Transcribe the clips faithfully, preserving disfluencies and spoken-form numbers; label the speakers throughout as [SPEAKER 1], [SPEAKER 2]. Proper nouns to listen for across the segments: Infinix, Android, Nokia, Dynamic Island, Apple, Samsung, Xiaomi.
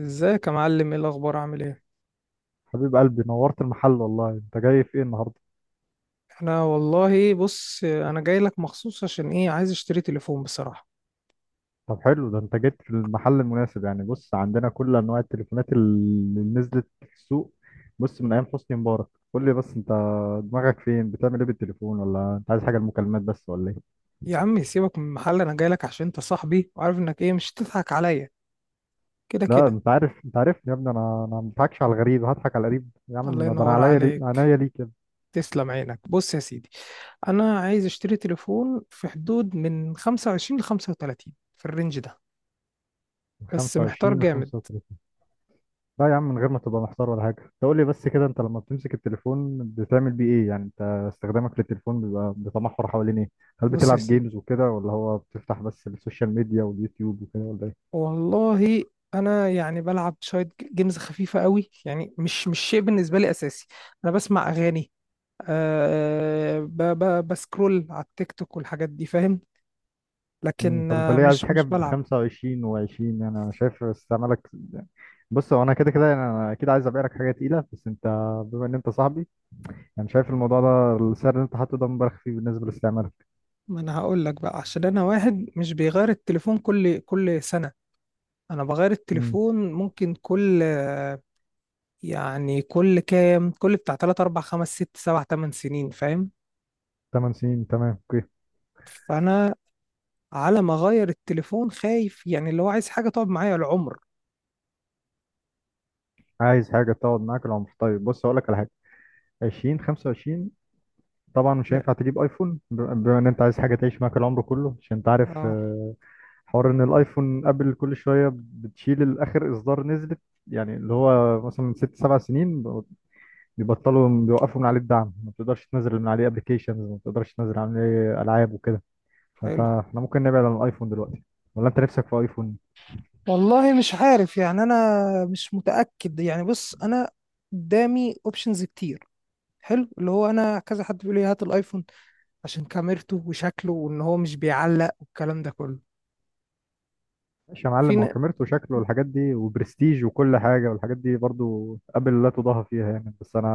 [SPEAKER 1] ازيك يا معلم؟ ايه الاخبار؟ عامل ايه؟
[SPEAKER 2] حبيب قلبي، نورت المحل، والله انت جاي في ايه النهارده؟
[SPEAKER 1] انا والله بص انا جاي لك مخصوص عشان ايه؟ عايز اشتري تليفون بصراحه.
[SPEAKER 2] طب حلو، ده انت جيت في المحل المناسب. يعني بص، عندنا كل انواع التليفونات اللي نزلت في السوق، بص من ايام حسني مبارك. قول لي بس انت دماغك فين، بتعمل ايه بالتليفون؟ ولا انت عايز حاجه المكالمات بس ولا ايه؟
[SPEAKER 1] يا عم سيبك من المحل، انا جاي لك عشان انت صاحبي وعارف انك ايه، مش هتضحك عليا كده
[SPEAKER 2] لا،
[SPEAKER 1] كده.
[SPEAKER 2] انت عارف، انت عارف يا ابني، انا انا ما بضحكش على الغريب، هضحك على القريب يا
[SPEAKER 1] الله
[SPEAKER 2] عم، ده انا
[SPEAKER 1] ينور
[SPEAKER 2] عينيا لي-
[SPEAKER 1] عليك.
[SPEAKER 2] عينيا ليك يا ابني.
[SPEAKER 1] تسلم عينك. بص يا سيدي، انا عايز اشتري تليفون في حدود من خمسة وعشرين ل خمسة وثلاثين، في الرينج ده،
[SPEAKER 2] من
[SPEAKER 1] بس محتار
[SPEAKER 2] خمسة وعشرين ل
[SPEAKER 1] جامد.
[SPEAKER 2] خمسة وثلاثون. لا يا عم، من غير ما تبقى محتار ولا حاجة. تقول لي بس كده، انت لما بتمسك التليفون بتعمل بيه ايه؟ يعني انت استخدامك للتليفون بيبقى بيتمحور حوالين ايه؟ هل
[SPEAKER 1] بص يا
[SPEAKER 2] بتلعب
[SPEAKER 1] سيدي،
[SPEAKER 2] جيمز وكده، ولا هو بتفتح بس السوشيال ميديا واليوتيوب وكده، ولا ايه؟
[SPEAKER 1] والله انا يعني بلعب شويه جيمز خفيفه قوي، يعني مش مش شيء بالنسبه لي اساسي. انا بسمع اغاني، أه ب ب بسكرول على التيك توك والحاجات دي فاهم.
[SPEAKER 2] مم.
[SPEAKER 1] لكن
[SPEAKER 2] طب انت
[SPEAKER 1] آه،
[SPEAKER 2] ليه عايز
[SPEAKER 1] مش
[SPEAKER 2] حاجة
[SPEAKER 1] مش
[SPEAKER 2] ب
[SPEAKER 1] بلعب.
[SPEAKER 2] خمسة وعشرين و20؟ يعني انا شايف استعمالك. بص هو انا كده كده، يعني انا اكيد عايز ابيع لك حاجة تقيلة، بس انت بما ان انت صاحبي، يعني شايف الموضوع ده، السعر اللي انت حاطه ده مبالغ فيه بالنسبة لاستعمالك.
[SPEAKER 1] ما انا هقول لك بقى، عشان انا واحد مش بيغير التليفون كل كل سنة. انا بغير
[SPEAKER 2] امم.
[SPEAKER 1] التليفون ممكن كل آه، يعني كل كام، كل بتاع ثلاث اربع خمس ست سبع ثمان سنين، فاهم.
[SPEAKER 2] تمن سنين، تمام، اوكي.
[SPEAKER 1] فانا على ما اغير التليفون خايف، يعني اللي هو عايز حاجة تقعد معايا العمر.
[SPEAKER 2] عايز حاجة تقعد معاك العمر، طيب بص هقول لك على حاجة. عشرين، خمسة وعشرين. طبعا مش
[SPEAKER 1] ما-
[SPEAKER 2] هينفع تجيب ايفون ب- بما ان انت عايز حاجه تعيش معاك العمر كله. عشان انت عارف،
[SPEAKER 1] اه،
[SPEAKER 2] آه، حوار ان الايفون ابل كل شويه بتشيل الاخر اصدار نزلت. يعني اللي هو مثلا من ست سبع سنين بيبطلوا، بيوقفوا من عليه الدعم، ما بتقدرش تنزل من عليه ابلكيشنز، ما بتقدرش تنزل عليه العاب وكده. فانت
[SPEAKER 1] حلو.
[SPEAKER 2] احنا ممكن نبعد عن الايفون دلوقتي، ولا انت نفسك في ايفون؟
[SPEAKER 1] والله مش عارف يعني، انا مش متاكد يعني، بص انا قدامي اوبشنز كتير. حلو، اللي هو انا كذا حد بيقول لي هات الايفون عشان كاميرته وشكله وان هو مش بيعلق والكلام ده كله.
[SPEAKER 2] ماشي يا
[SPEAKER 1] في
[SPEAKER 2] معلم، هو
[SPEAKER 1] ن-
[SPEAKER 2] كاميرته وشكله والحاجات دي وبرستيج وكل حاجه، والحاجات دي برضو ابل لا تضاهى فيها يعني. بس انا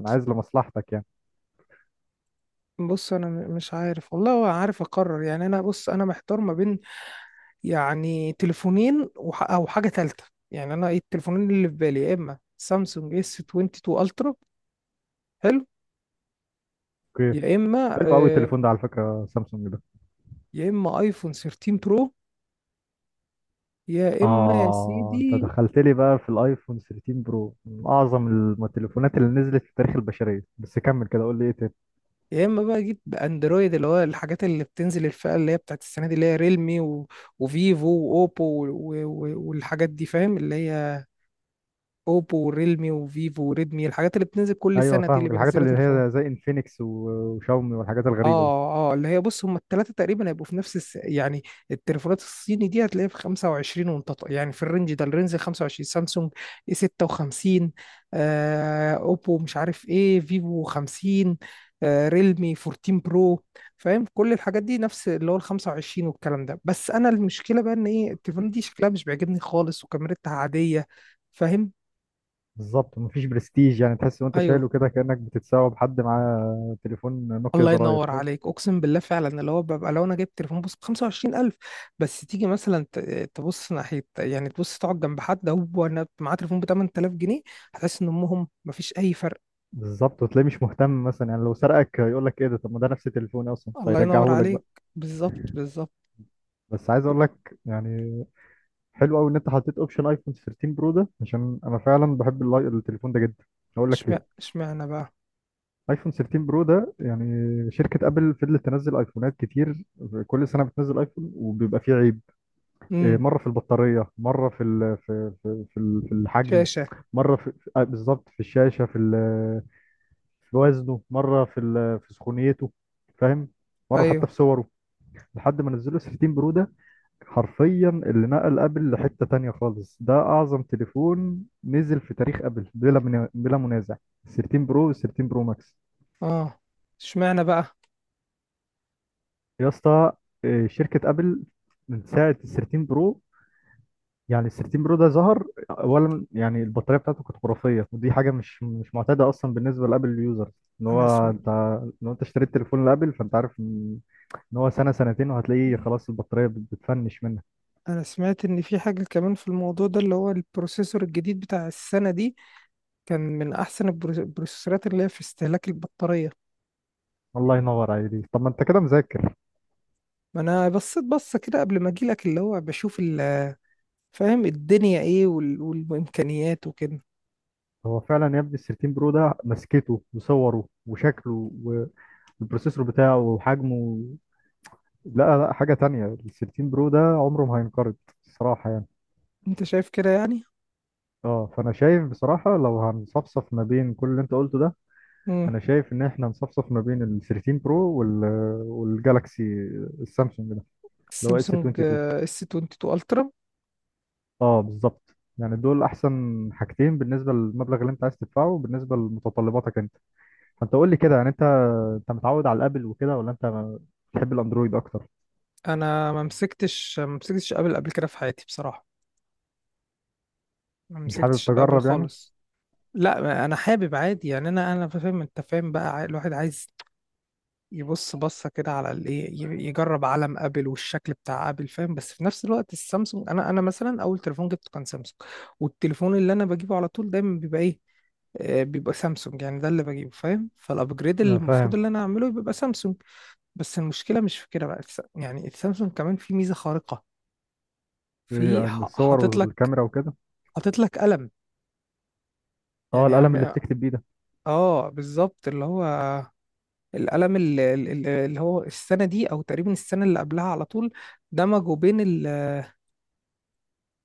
[SPEAKER 2] انا عايز لمصلحتك يعني.
[SPEAKER 1] بص انا م- مش عارف والله، ولا عارف اقرر يعني، انا بص انا محتار ما بين، يعني تليفونين وح- او حاجه ثالثه. يعني انا ايه التليفونين اللي في بالي؟ يا اما سامسونج اس اتنين وعشرين الترا، حلو،
[SPEAKER 2] اوكي.
[SPEAKER 1] يا اما
[SPEAKER 2] حلو قوي
[SPEAKER 1] آه،
[SPEAKER 2] التليفون ده على فكرة، سامسونج ده.
[SPEAKER 1] يا اما ايفون تلتاشر برو، يا اما يا
[SPEAKER 2] اه، انت
[SPEAKER 1] سيدي،
[SPEAKER 2] دخلت لي بقى في الايفون تلتاشر برو، من اعظم الم- التليفونات اللي نزلت في تاريخ البشرية. بس كمل كده، قول لي ايه تاني؟
[SPEAKER 1] يا اما بقى جيت باندرويد، اللي هو الحاجات اللي بتنزل الفئه اللي هي بتاعت السنه دي، اللي هي ريلمي، و... وفيفو واوبو و... و... والحاجات دي فاهم، اللي هي اوبو وريلمي وفيفو وريدمي، الحاجات اللي بتنزل كل
[SPEAKER 2] ايوه
[SPEAKER 1] سنه دي اللي
[SPEAKER 2] فاهمك، الحاجات
[SPEAKER 1] بينزلوا
[SPEAKER 2] اللي
[SPEAKER 1] تليفون.
[SPEAKER 2] هي زي انفينكس و- وشاومي والحاجات الغريبة دي.
[SPEAKER 1] اه، اه، اللي هي بص، هم الثلاثه تقريبا هيبقوا في نفس الس... يعني، التليفونات الصيني دي هتلاقيها في خمسة وعشرين، وانت ط- يعني في الرينج ده، الرينج خمسة وعشرين: سامسونج اي ستة وخمسين، آه اوبو مش عارف ايه، فيفو خمسين، آه ريلمي اربعتاشر برو، فاهم، كل الحاجات دي نفس اللي هو ال الخمسة وعشرين والكلام ده. بس انا المشكله بقى ان ايه، التليفونات دي شكلها مش بيعجبني خالص وكاميرتها عاديه، فاهم.
[SPEAKER 2] بالظبط، مفيش برستيج. يعني تحس وانت
[SPEAKER 1] ايوه.
[SPEAKER 2] شايله كده كأنك بتتساوى بحد معاه تليفون نوكيا
[SPEAKER 1] الله
[SPEAKER 2] زراير،
[SPEAKER 1] ينور
[SPEAKER 2] فاهم؟
[SPEAKER 1] عليك، اقسم بالله فعلا، اللي هو ببقى لو انا جايب تليفون بص ب خمسة وعشرين الف، بس تيجي مثلا ت- تبص ناحيه، يعني تبص تقعد جنب حد هو أنا معاه تليفون ب تمنت الاف جنيه، هتحس ان امهم مفيش اي فرق.
[SPEAKER 2] بالظبط. وتلاقيه مش مهتم مثلا، يعني لو سرقك يقول لك ايه ده؟ طب ما ده نفس تليفوني اصلا،
[SPEAKER 1] الله ينور
[SPEAKER 2] فيرجعه لك بقى.
[SPEAKER 1] عليك، بالظبط، بالظبط.
[SPEAKER 2] بس عايز اقول لك يعني، حلو قوي ان انت حطيت اوبشن ايفون تلتاشر برو ده، عشان انا فعلا بحب اللاي- التليفون ده جدا. هقول لك ليه.
[SPEAKER 1] اشمعنى اشمعنى بقى؟
[SPEAKER 2] ايفون تلتاشر برو ده يعني، شركه ابل فضلت تنزل ايفونات كتير، كل سنه بتنزل ايفون وبيبقى فيه عيب. إيه،
[SPEAKER 1] امم.
[SPEAKER 2] مره في البطاريه، مره في ال في في في ال- في الحجم،
[SPEAKER 1] شاشه.
[SPEAKER 2] مره في في- آه، بالظبط في الشاشه، في ال- في وزنه، مره في ال- في سخونيته، فاهم؟ مره حتى في
[SPEAKER 1] ايوه.
[SPEAKER 2] صوره. لحد ما نزلوا تلتاشر برو ده، حرفيا اللي نقل ابل لحتة تانية خالص. ده اعظم تليفون نزل في تاريخ ابل، بلا من... بلا منازع. تلتاشر برو وال ثلاثة عشر برو ماكس.
[SPEAKER 1] اه، اشمعنى بقى؟
[SPEAKER 2] يا اسطى، آه، شركة ابل من ساعة ال تلتاشر برو. يعني ال تلتاشر برو ده ظهر اولا، يعني البطارية بتاعته كانت خرافية، ودي حاجة مش مش معتادة اصلا بالنسبة لابل اليوزر. ان
[SPEAKER 1] انا
[SPEAKER 2] هو
[SPEAKER 1] سم...
[SPEAKER 2] انت، لو انت اشتريت تليفون لابل، فانت عارف ان إن هو سنة سنتين وهتلاقيه خلاص البطارية بت- بتفنش منك.
[SPEAKER 1] انا سمعت ان في حاجه كمان في الموضوع ده، اللي هو البروسيسور الجديد بتاع السنه دي، كان من احسن البرو- البروسيسورات اللي هي في استهلاك البطاريه.
[SPEAKER 2] الله ينور عليك، طب ما انت كده مذاكر.
[SPEAKER 1] ما انا بصيت بصه كده قبل ما اجيلك، اللي هو بشوف ال- فاهم، الدنيا ايه وال- والامكانيات وكده.
[SPEAKER 2] هو فعلا يا ابني ال تلتاشر برو ده، مسكته وصوره وشكله والبروسيسور بتاعه وحجمه، لا لا حاجة تانية. ال تلتاشر برو ده عمره ما هينقرض، الصراحة يعني.
[SPEAKER 1] انت شايف كده يعني.
[SPEAKER 2] اه، فانا شايف بصراحة، لو هنصفصف ما بين كل اللي انت قلته ده،
[SPEAKER 1] امم.
[SPEAKER 2] انا شايف ان احنا نصفصف ما بين ال ثلاثة عشر برو وال والجالكسي، السامسونج ده، اللي هو اس
[SPEAKER 1] السامسونج
[SPEAKER 2] اتنين وعشرين.
[SPEAKER 1] اس اتنين وعشرين الترا.
[SPEAKER 2] اه بالظبط، يعني دول احسن حاجتين بالنسبة للمبلغ اللي انت عايز تدفعه، بالنسبة لمتطلباتك انت. فانت قول لي كده يعني، انت انت متعود على الابل وكده، ولا انت ما- بتحب الاندرويد اكتر؟
[SPEAKER 1] انا ما مسكتش ما مسكتش ابل قبل كده في حياتي بصراحه، ما
[SPEAKER 2] مش حابب
[SPEAKER 1] مسكتش الابل
[SPEAKER 2] تجرب يعني؟
[SPEAKER 1] خالص. لا، ما انا حابب عادي يعني، انا انا فاهم، انت فاهم بقى، الواحد عايز يبص بصه كده على الايه، ي- يجرب علم ابل والشكل بتاع ابل فاهم. بس في نفس الوقت السامسونج، انا انا مثلا اول تليفون جبته كان سامسونج، والتليفون اللي انا بجيبه على طول دايما بيبقى ايه، آه، بيبقى سامسونج، يعني ده اللي بجيبه فاهم. فالابجريد اللي
[SPEAKER 2] اه
[SPEAKER 1] المفروض
[SPEAKER 2] فاهم.
[SPEAKER 1] اللي انا اعمله بيبقى سامسونج. بس المشكله مش في كده بقى، الس- يعني السامسونج كمان في ميزه خارقه،
[SPEAKER 2] ايه
[SPEAKER 1] في
[SPEAKER 2] عن
[SPEAKER 1] ح-
[SPEAKER 2] الصور
[SPEAKER 1] حاطط لك
[SPEAKER 2] والكاميرا وكده؟
[SPEAKER 1] حاطط لك قلم،
[SPEAKER 2] اه،
[SPEAKER 1] يعني
[SPEAKER 2] القلم اللي
[SPEAKER 1] عم-
[SPEAKER 2] بتكتب بيه ده.
[SPEAKER 1] اه بالظبط، اللي هو القلم ال- ال- ال- اللي هو السنة دي أو تقريبا السنة اللي قبلها، على طول دمجوا بين ال-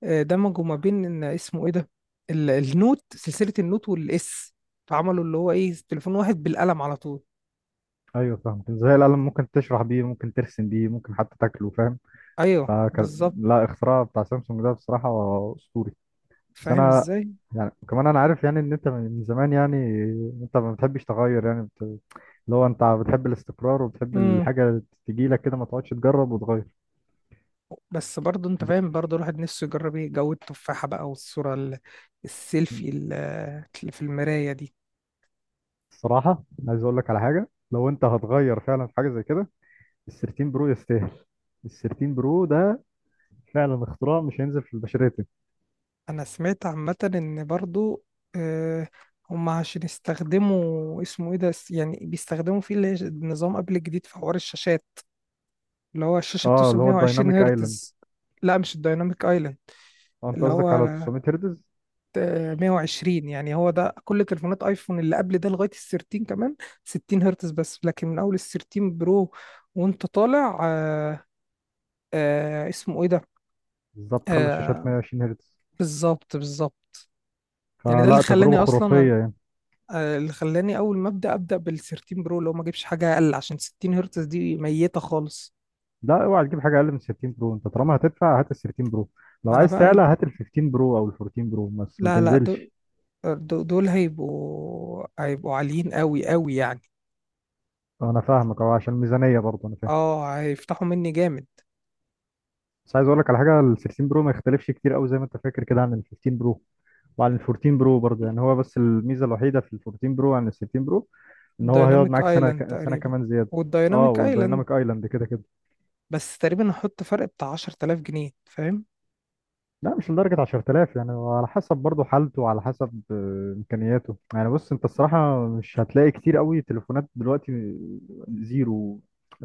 [SPEAKER 1] آه، دمجوا ما بين، إن اسمه إيه ده، ال- النوت، سلسلة النوت والإس، فعملوا اللي هو إيه، تليفون واحد بالقلم على طول.
[SPEAKER 2] ايوه، فاهم ازاي. القلم ممكن تشرح بيه، ممكن ترسم بيه، ممكن حتى تاكله، فاهم.
[SPEAKER 1] أيوه
[SPEAKER 2] فك...
[SPEAKER 1] بالظبط.
[SPEAKER 2] لا، اختراع بتاع سامسونج ده بصراحة اسطوري. بس
[SPEAKER 1] فاهم
[SPEAKER 2] انا
[SPEAKER 1] إزاي؟
[SPEAKER 2] يعني، كمان انا عارف يعني ان انت من زمان يعني، انت ما بتحبش تغير يعني، بت... اللي هو انت بتحب الاستقرار وبتحب
[SPEAKER 1] امم.
[SPEAKER 2] الحاجة تجي لك كده، ما تقعدش تجرب وتغير.
[SPEAKER 1] بس برضه أنت فاهم، برضه الواحد نفسه يجرب إيه جو التفاحة بقى، والصورة ال- السيلفي ال- اللي في المراية دي.
[SPEAKER 2] الصراحة عايز اقول لك على حاجة، لو انت هتغير فعلا في حاجة زي كده، ال تلتاشر برو يستاهل. ال تلتاشر برو ده فعلا اختراع مش هينزل في البشرية تاني.
[SPEAKER 1] انا سمعت عامة ان برضو، آه، هم عشان يستخدموا اسمه ايه ده، س- يعني بيستخدموا فيه اللي هي نظام ابل جديد في حوار الشاشات، اللي هو الشاشة
[SPEAKER 2] اه،
[SPEAKER 1] بتوصل
[SPEAKER 2] اللي هو
[SPEAKER 1] مية وعشرين
[SPEAKER 2] الدايناميك ايلاند.
[SPEAKER 1] هرتز. لا مش الدايناميك ايلاند،
[SPEAKER 2] اه انت
[SPEAKER 1] اللي هو
[SPEAKER 2] قصدك على تسعمية هرتز.
[SPEAKER 1] آه، مئة وعشرين، يعني هو ده، كل تليفونات ايفون اللي قبل ده لغاية ال تلتاشر كمان ستين هرتز بس، لكن من اول ال تلتاشر برو وانت طالع، آه، آه، اسمه ايه ده،
[SPEAKER 2] بالظبط، خلوا الشاشات
[SPEAKER 1] آه،
[SPEAKER 2] مية وعشرين هرتز.
[SPEAKER 1] بالظبط بالظبط، يعني ده اللي
[SPEAKER 2] فلا،
[SPEAKER 1] خلاني
[SPEAKER 2] تجربة خرافية
[SPEAKER 1] اصلا
[SPEAKER 2] يعني.
[SPEAKER 1] آه، اللي خلاني اول ما ابدا ابدا بال تلتاشر برو، اللي هو ما اجيبش حاجه اقل، عشان ستين هرتز دي ميته خالص.
[SPEAKER 2] لا، اوعى تجيب حاجة اقل من تلتاشر برو. انت طالما هتدفع، هات ال تلتاشر برو. لو
[SPEAKER 1] ما انا
[SPEAKER 2] عايز
[SPEAKER 1] بقى،
[SPEAKER 2] تعلى، هات ال خمستاشر برو او ال اربعتاشر برو، بس ما
[SPEAKER 1] لا لا، دول
[SPEAKER 2] تنزلش.
[SPEAKER 1] دول دول هيبقوا هيبقوا عاليين قوي قوي يعني.
[SPEAKER 2] انا فاهمك، اه عشان ميزانية برضه، انا فاهم.
[SPEAKER 1] اه، هيفتحوا مني جامد.
[SPEAKER 2] بس عايز اقول لك على حاجة، ال تلتاشر برو ما يختلفش كتير قوي زي ما انت فاكر كده عن ال خمستاشر برو، وعلى ال اربعتاشر برو برضه يعني. هو بس الميزه الوحيده في ال اربعتاشر برو عن ال ستاشر برو، ان هو هيقعد
[SPEAKER 1] الدايناميك
[SPEAKER 2] معاك سنه
[SPEAKER 1] ايلاند
[SPEAKER 2] ك- سنه
[SPEAKER 1] تقريبا،
[SPEAKER 2] كمان زياده. اه
[SPEAKER 1] والدايناميك ايلاند.
[SPEAKER 2] والدايناميك ايلاند كده كده.
[SPEAKER 1] بس تقريبا هحط فرق بتاع عشر تلاف جنيه فاهم.
[SPEAKER 2] لا، مش لدرجه عشرتلاف، يعني هو على حسب برضه حالته، وعلى حسب آه، امكانياته يعني. بص انت الصراحه مش هتلاقي كتير قوي تليفونات دلوقتي آه، زيرو،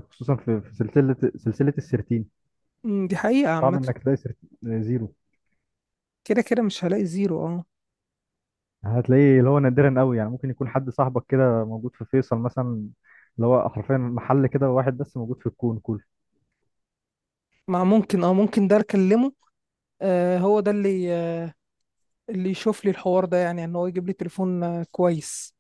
[SPEAKER 2] خصوصا في في سلسله سلسله ال تلتاشر.
[SPEAKER 1] مم، دي حقيقه
[SPEAKER 2] صعب
[SPEAKER 1] عامه.
[SPEAKER 2] انك تلاقي سر- زيرو.
[SPEAKER 1] كده كده مش هلاقي زيرو، اه.
[SPEAKER 2] هتلاقيه اللي هو نادرا قوي يعني، ممكن يكون حد صاحبك كده موجود في فيصل مثلا، اللي هو حرفيا محل كده واحد بس موجود في الكون كله.
[SPEAKER 1] ما ممكن، اه ممكن ده اكلمه. آه هو ده اللي اللي يشوف لي الحوار ده، يعني ان هو يجيب لي تليفون آه، كويس.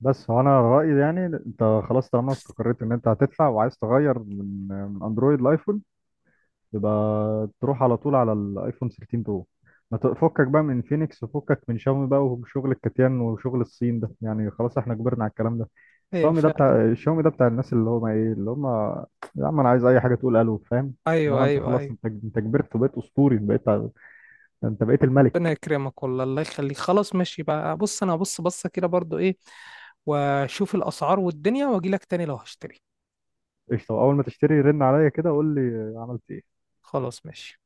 [SPEAKER 2] بس هو انا رايي يعني، انت خلاص طالما استقريت ان انت هتدفع وعايز تغير من من اندرويد لايفون، يبقى تروح على طول على الايفون تلتاشر برو. ما تفكك بقى من فينيكس، وفكك من شاومي بقى، وشغل الكتيان وشغل الصين ده، يعني خلاص احنا كبرنا على الكلام ده.
[SPEAKER 1] ايوه
[SPEAKER 2] شاومي ده
[SPEAKER 1] فعلا.
[SPEAKER 2] بتاع، شاومي ده بتاع الناس اللي هم ايه، اللي هم يا عم انا عايز اي حاجه تقول الو، فاهم؟
[SPEAKER 1] ايوه،
[SPEAKER 2] انما انت
[SPEAKER 1] ايوه،
[SPEAKER 2] خلاص،
[SPEAKER 1] ايوه.
[SPEAKER 2] انت انت كبرت وبقيت اسطوري بقيت، انت بقيت
[SPEAKER 1] ربنا
[SPEAKER 2] الملك.
[SPEAKER 1] يكرمك والله. الله يخليك. خلاص ماشي بقى، بص انا هبص بصه كده برضو، ايه، واشوف الاسعار والدنيا واجي لك تاني لو هشتري.
[SPEAKER 2] قشطه، اول ما تشتري رن عليا كده قول لي عملت ايه.
[SPEAKER 1] خلاص ماشي.